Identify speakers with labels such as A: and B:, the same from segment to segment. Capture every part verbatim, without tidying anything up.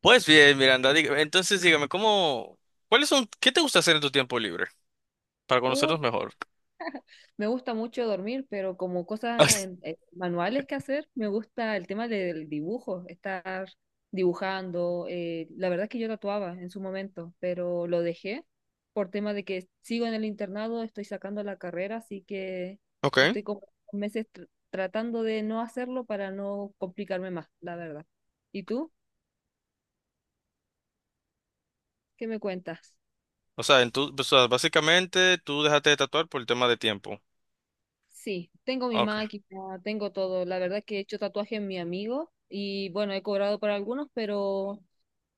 A: Pues bien, Miranda, diga- entonces dígame, ¿cómo, ¿cuáles son, qué te gusta hacer en tu tiempo libre para
B: Uh,
A: conocernos mejor?
B: Me gusta mucho dormir, pero como cosas en- eh, manuales que hacer, me gusta el tema del dibujo, estar dibujando. Eh, la verdad es que yo tatuaba en su momento, pero lo dejé por tema de que sigo en el internado, estoy sacando la carrera, así que
A: Ok.
B: estoy como meses tr- tratando de no hacerlo para no complicarme más, la verdad. ¿Y tú? ¿Qué me cuentas?
A: O sea, en tu, o sea, básicamente tú dejaste de tatuar por el tema de tiempo.
B: Sí, tengo mi
A: Ok,
B: máquina, tengo todo. La verdad que he hecho tatuajes en mi amigo y bueno, he cobrado por algunos, pero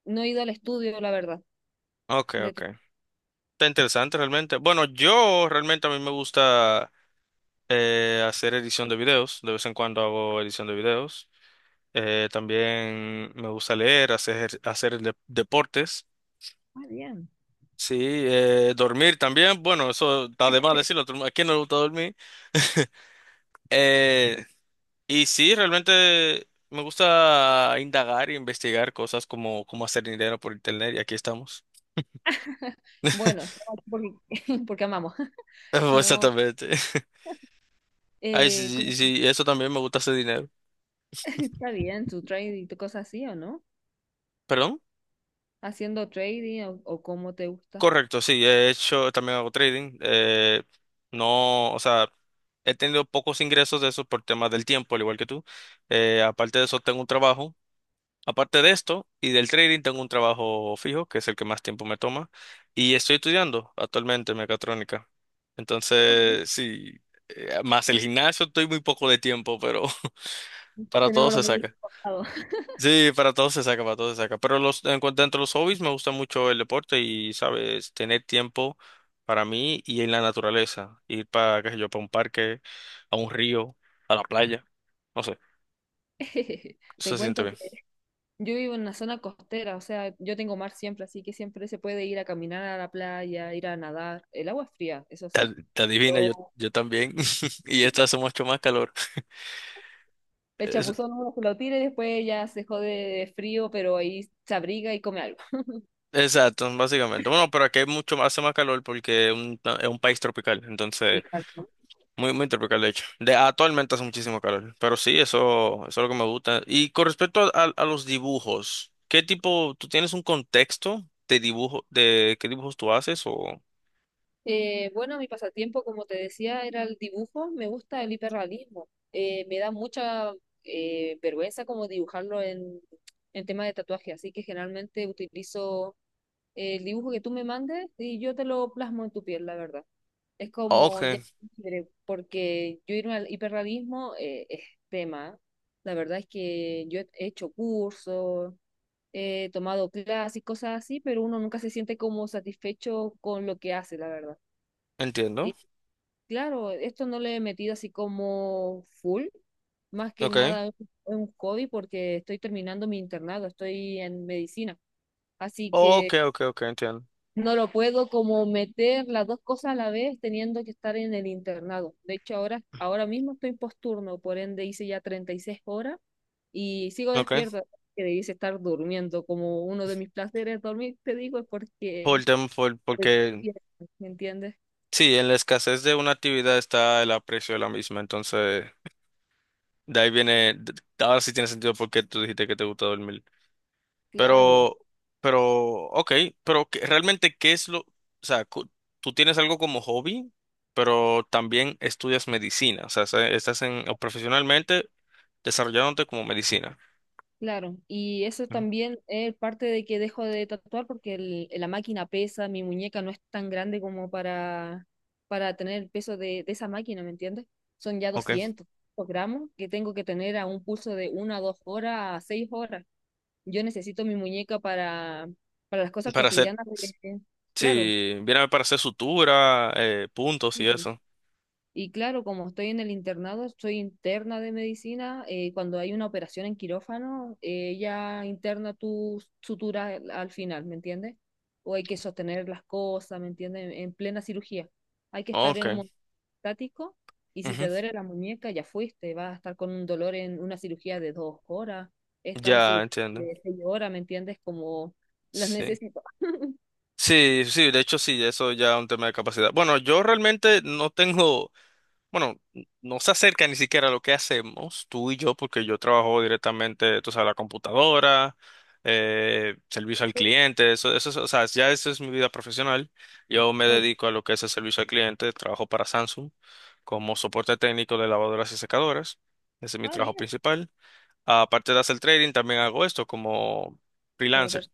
B: no he ido al estudio, la verdad.
A: ok,
B: De
A: ok.
B: to-
A: Está interesante realmente. Bueno, yo realmente a mí me gusta eh, hacer edición de videos. De vez en cuando hago edición de videos. Eh, también me gusta leer, hacer, hacer de- deportes.
B: Ah, bien.
A: Sí, eh, dormir también. Bueno, eso está de más decirlo. ¿A quién no le gusta dormir? Eh, y sí, realmente me gusta indagar e investigar cosas como cómo hacer dinero por internet y aquí estamos.
B: Bueno, estaba aquí porque, porque amamos. No.
A: Exactamente. Ay, sí,
B: eh, ¿cómo-
A: sí, sí, eso también me gusta, hacer dinero.
B: ¿está bien tu trading, tu cosa así o no?
A: ¿Perdón?
B: Haciendo trading o, o cómo te gusta.
A: Correcto, sí, he hecho, también hago trading. Eh, no, o sea, he tenido pocos ingresos de eso por temas del tiempo, al igual que tú. Eh, aparte de eso, tengo un trabajo. Aparte de esto y del trading, tengo un trabajo fijo, que es el que más tiempo me toma, y estoy estudiando actualmente mecatrónica.
B: Todo bien.
A: Entonces, sí, eh, más el gimnasio, estoy muy poco de tiempo, pero para todo
B: Tenemos los
A: se
B: mismos
A: saca.
B: pasados.
A: Sí, para todo se saca, para todo se saca. Pero los, en cuanto dentro de los hobbies, me gusta mucho el deporte y, sabes, tener tiempo para mí y en la naturaleza. Ir para, qué sé yo, para un parque, a un río, a la playa. No sé,
B: Te
A: se siente
B: cuento
A: bien.
B: que yo vivo en una zona costera, o sea, yo tengo mar siempre, así que siempre se puede ir a caminar a la playa, ir a nadar. El agua es fría, eso sí.
A: Ad- Adivina, yo,
B: Lo-
A: yo también. Y esta hace mucho más calor.
B: el
A: Es-
B: chapuzón uno se lo tira y después ya se jode de frío, pero ahí se abriga y come algo.
A: exacto, básicamente. Bueno, pero aquí hay mucho más, hace más calor porque es un, es un país tropical.
B: Muy
A: Entonces,
B: calmo.
A: muy, muy tropical, de hecho. De, actualmente hace muchísimo calor. Pero sí, eso, eso es lo que me gusta. Y con respecto a, a- a los dibujos, ¿qué tipo, tú tienes un contexto de dibujo, de qué dibujos tú haces? O...
B: Eh, bueno, mi pasatiempo, como te decía, era el dibujo. Me gusta el hiperrealismo. Eh, me da mucha eh, vergüenza como dibujarlo en, en tema de tatuaje, así que generalmente utilizo el dibujo que tú me mandes y yo te lo plasmo en tu piel, la verdad. Es
A: Ok,
B: como ya libre, porque yo irme al hiperrealismo eh, es tema. La verdad es que yo he hecho cursos, he tomado clases y cosas así, pero uno nunca se siente como satisfecho con lo que hace, la verdad.
A: entiendo.
B: Y claro, esto no le he metido así como full, más que
A: Ok.
B: nada es un hobby porque estoy terminando mi internado, estoy en medicina. Así que
A: Ok, ok, ok, entiendo.
B: no lo puedo como meter las dos cosas a la vez teniendo que estar en el internado. De hecho, ahora, ahora mismo estoy posturno, por ende hice ya treinta y seis horas y sigo
A: Ok.
B: despierto, que debiese estar durmiendo. Como uno de mis placeres dormir, te digo, es
A: Por,
B: porque...
A: tem- por, porque...
B: ¿Me entiendes?
A: Sí, en la escasez de una actividad está el aprecio de la misma, entonces de ahí viene, d- ahora sí tiene sentido porque tú dijiste que te gusta dormir.
B: Claro.
A: Pero, pero, ok, pero ¿qué- realmente ¿qué es lo, o sea, cu- tú tienes algo como hobby, pero también estudias medicina, o sea, se- estás en, o profesionalmente desarrollándote como medicina.
B: Claro, y eso
A: Ujú.
B: también es parte de que dejo de tatuar porque el- la máquina pesa, mi muñeca no es tan grande como para, para tener el peso de, de esa máquina, ¿me entiendes? Son ya
A: Ok.
B: doscientos gramos que tengo que tener a un pulso de una, a dos horas, a seis horas. Yo necesito mi muñeca para, para las cosas
A: Para hacer,
B: cotidianas.
A: s-
B: de- Claro.
A: sí, viene para hacer sutura, eh, puntos y
B: Sí.
A: eso.
B: Y claro, como estoy en el internado, soy interna de medicina. Eh, cuando hay una operación en quirófano, eh, ella interna tu sutura al al final, ¿me entiendes? O hay que sostener las cosas, ¿me entiendes? En, en plena cirugía. Hay que estar
A: Ok.
B: en un momento estático y si te
A: Ujú.
B: duele la muñeca, ya fuiste. Vas a estar con un dolor en una cirugía de dos horas. He estado en
A: Ya
B: cirugía
A: entiendo.
B: de seis horas, ¿me entiendes? Como las
A: Sí.
B: necesito.
A: Sí, sí, de hecho sí, eso ya es un tema de capacidad. Bueno, yo realmente no tengo, bueno, no se acerca ni siquiera a lo que hacemos tú y yo, porque yo trabajo directamente, tú sabes, la computadora, eh, servicio al cliente, eso, eso, es- o sea, ya eso es mi vida profesional. Yo me
B: Hoy.
A: dedico a lo que es el servicio al cliente, trabajo para Samsung como soporte técnico de lavadoras y secadoras. Ese es mi
B: Ah,
A: trabajo
B: bien.
A: principal. Aparte de hacer trading, también hago esto como
B: como te,
A: freelancer.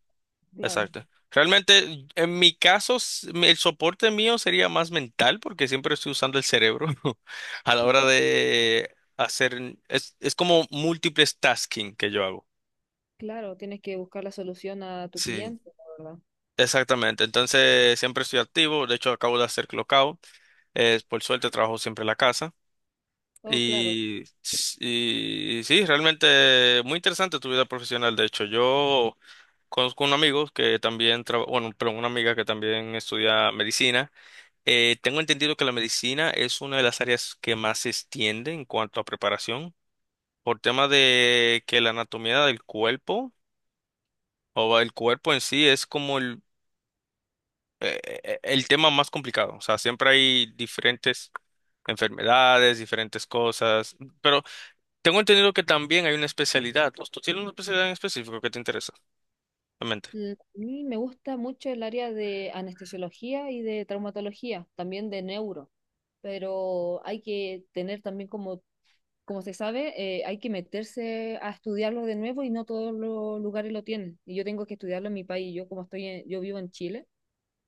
B: claro.
A: Exacto. Realmente, en mi caso, s- el soporte mío sería más mental porque siempre estoy usando el cerebro a la hora de hacer, es, es como múltiples tasking que yo hago.
B: Claro, tienes que buscar la solución a tu
A: Sí.
B: cliente, la verdad.
A: Exactamente. Entonces, siempre estoy activo. De hecho, acabo de hacer clockout. Eh, por suerte, trabajo siempre en la casa.
B: Oh, claro.
A: Y, s- y sí, realmente muy interesante tu vida profesional. De hecho, yo conozco un amigo que también trabaja, bueno, pero una amiga que también estudia medicina. Eh, tengo entendido que la medicina es una de las áreas que más se extiende en cuanto a preparación, por tema de que la anatomía del cuerpo o el cuerpo en sí es como el, e- e- el tema más complicado. O sea, siempre hay diferentes enfermedades, diferentes cosas, pero tengo entendido que también hay una especialidad. ¿Tú tú tienes una especialidad en específico que te interesa? Realmente.
B: Mm, A mí me gusta mucho el área de anestesiología y de traumatología, también de neuro, pero hay que tener también como, como se sabe, eh, hay que meterse a estudiarlo de nuevo y no todos los lugares lo tienen. Y yo tengo que estudiarlo en mi país. Yo como estoy en- yo vivo en Chile,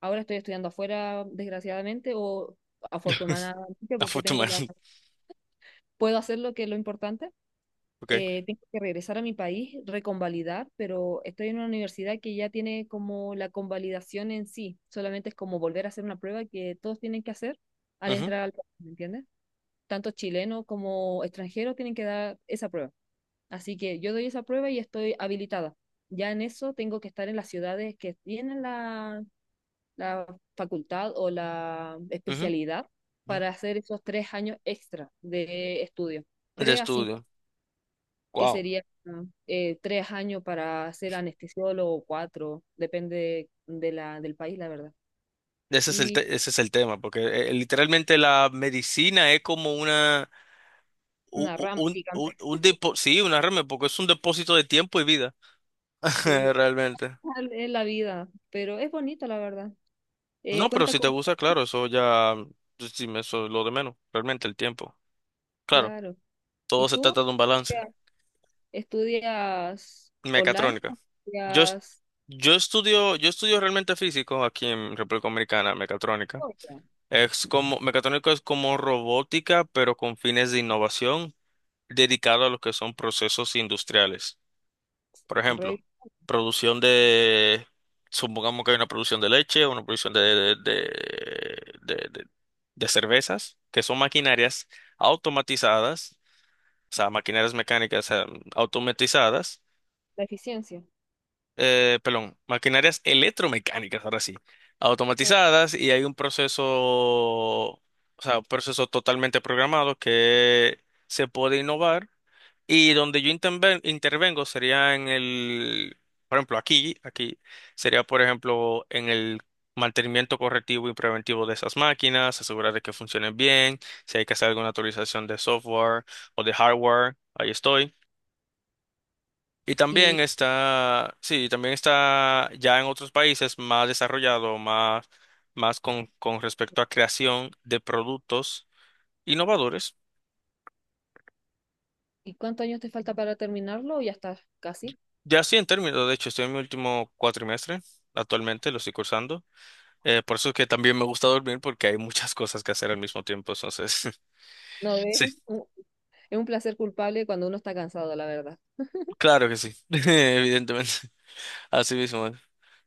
B: ahora estoy estudiando afuera, desgraciadamente, o afortunadamente porque tengo la,
A: Afortunadamente.
B: puedo hacer lo que es lo importante.
A: Ok.
B: Eh, tengo que regresar a mi país, reconvalidar, pero estoy en una universidad que ya tiene como la convalidación en sí, solamente es como volver a hacer una prueba que todos tienen que hacer al
A: Ujú,
B: entrar al país, ¿me entiendes? Tanto chilenos como extranjeros tienen que dar esa prueba. Así que yo doy esa prueba y estoy habilitada. Ya en eso tengo que estar en las ciudades que tienen la, la facultad o la
A: ujú,
B: especialidad
A: ujú.
B: para hacer esos tres años extra de estudio,
A: De
B: tres a cinco
A: estudio.
B: que sería eh, tres años para ser anestesiólogo o cuatro, depende de la, del país, la verdad.
A: Ese es el,
B: Y
A: te- ese es el tema, porque eh, literalmente la medicina es como una, u-
B: una
A: u-
B: rama
A: un, un,
B: gigante,
A: un, depo- sí, una remera, porque es un depósito de tiempo y vida,
B: sí,
A: realmente.
B: al- es la vida, pero es bonito, la verdad. Eh,
A: No, pero
B: cuenta
A: si te
B: con...
A: gusta, claro, eso ya, pues, sí, me- eso es lo de menos, realmente el tiempo. Claro,
B: claro. ¿Y
A: todo se
B: tú?
A: trata de un balance.
B: Ya. ¿Estudias online o
A: Mecatrónica. Yo, es-
B: estudias...
A: yo estudio, yo estudio realmente físico aquí en República Dominicana, mecatrónica.
B: Oh, ya.
A: Es como, mecatrónica es como robótica, pero con fines de innovación. Dedicado a lo que son procesos industriales. Por ejemplo,
B: Re-
A: producción de, supongamos que hay una producción de leche, una producción de, de, de, de- de- de cervezas, que son maquinarias automatizadas, o sea, maquinarias mecánicas, eh, automatizadas,
B: ¿La eficiencia?
A: eh, perdón, maquinarias electromecánicas, ahora sí,
B: Oh.
A: automatizadas, y hay un proceso, o sea, un proceso totalmente programado que se puede innovar. Y donde yo interven- intervengo sería en el, por ejemplo, aquí, aquí sería, por ejemplo, en el mantenimiento correctivo y preventivo de esas máquinas, asegurar de que funcionen bien, si hay que hacer alguna actualización de software o de hardware, ahí estoy. Y también
B: ¿Y,
A: está, sí, también está ya en otros países más desarrollado, más, más con, con respecto a creación de productos innovadores.
B: y cuántos años te falta para terminarlo o ya estás casi?
A: Ya sí, en términos, de hecho, estoy en mi último cuatrimestre, actualmente lo estoy cursando. Eh, por eso es que también me gusta dormir porque hay muchas cosas que hacer al mismo tiempo, entonces,
B: No, ves,
A: sí,
B: es un, es un placer culpable cuando uno está cansado, la verdad.
A: claro que sí, evidentemente, así mismo es.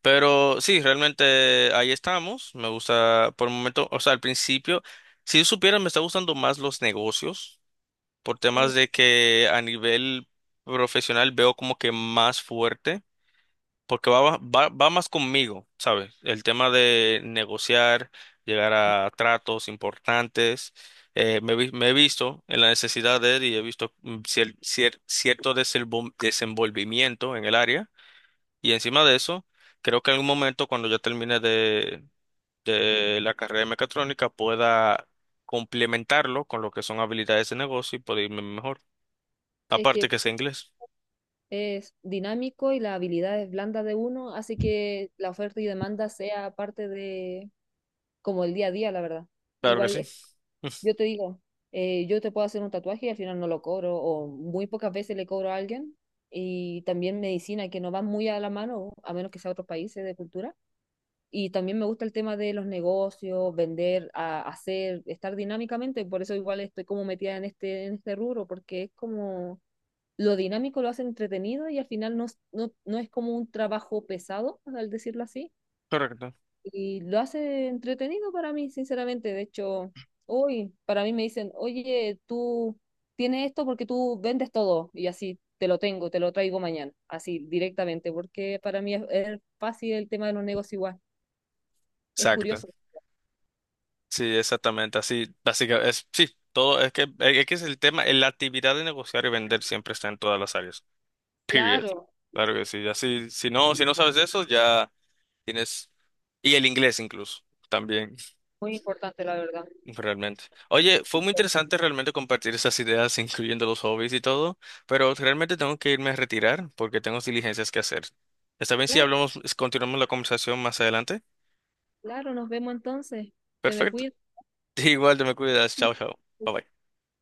A: Pero sí, realmente ahí estamos, me gusta por el momento, o sea, al principio, si supieran, me está gustando más los negocios, por temas
B: Oh.
A: de que a nivel profesional veo como que más fuerte. Porque va, va, va más conmigo, ¿sabes? El tema de negociar, llegar a tratos importantes. Eh, me, vi- me he visto en la necesidad de él y he visto mm, cier- cier- cierto desenvol- desenvolvimiento en el área. Y encima de eso, creo que en algún momento, cuando ya termine de, de la carrera de mecatrónica, pueda complementarlo con lo que son habilidades de negocio y poder irme mejor.
B: Es
A: Aparte
B: que
A: que sea inglés.
B: es dinámico y las habilidades blandas de uno hace que la oferta y demanda sea parte de como el día a día, la verdad.
A: Claro que
B: Igual,
A: sí.
B: eh, yo te digo, eh, yo te puedo hacer un tatuaje y al final no lo cobro o muy pocas veces le cobro a alguien y también medicina que no va muy a la mano, a menos que sea otros países de cultura. Y también me gusta el tema de los negocios, vender, a- hacer, estar dinámicamente, por eso igual estoy como metida en este, en este rubro, porque es como lo dinámico lo hace entretenido y al final no, no, no es como un trabajo pesado, al decirlo así.
A: Correcto.
B: Y lo hace entretenido para mí, sinceramente. De hecho, hoy para mí me dicen, oye, tú tienes esto porque tú vendes todo y así te lo tengo, te lo traigo mañana, así directamente, porque para mí es, es fácil el tema de los negocios igual. Es
A: Exacto.
B: curioso.
A: Sí, exactamente, así, básicamente, es, sí, todo, es que, e-, es que es el tema, eh, la actividad de negociar y vender siempre está en todas las áreas, period,
B: Claro,
A: claro que sí, así, si no, si no sabes eso, ya tienes, y el inglés incluso, también,
B: muy importante la verdad.
A: realmente. Oye, fue muy interesante realmente compartir esas ideas, incluyendo los hobbies y todo, pero realmente tengo que irme a retirar porque tengo diligencias que hacer. ¿Está bien si
B: Claro,
A: hablamos, continuamos la conversación más adelante?
B: claro, nos vemos entonces. Te me
A: Perfecto,
B: cuidas.
A: igual te me cuidas, chao, chao, bye bye.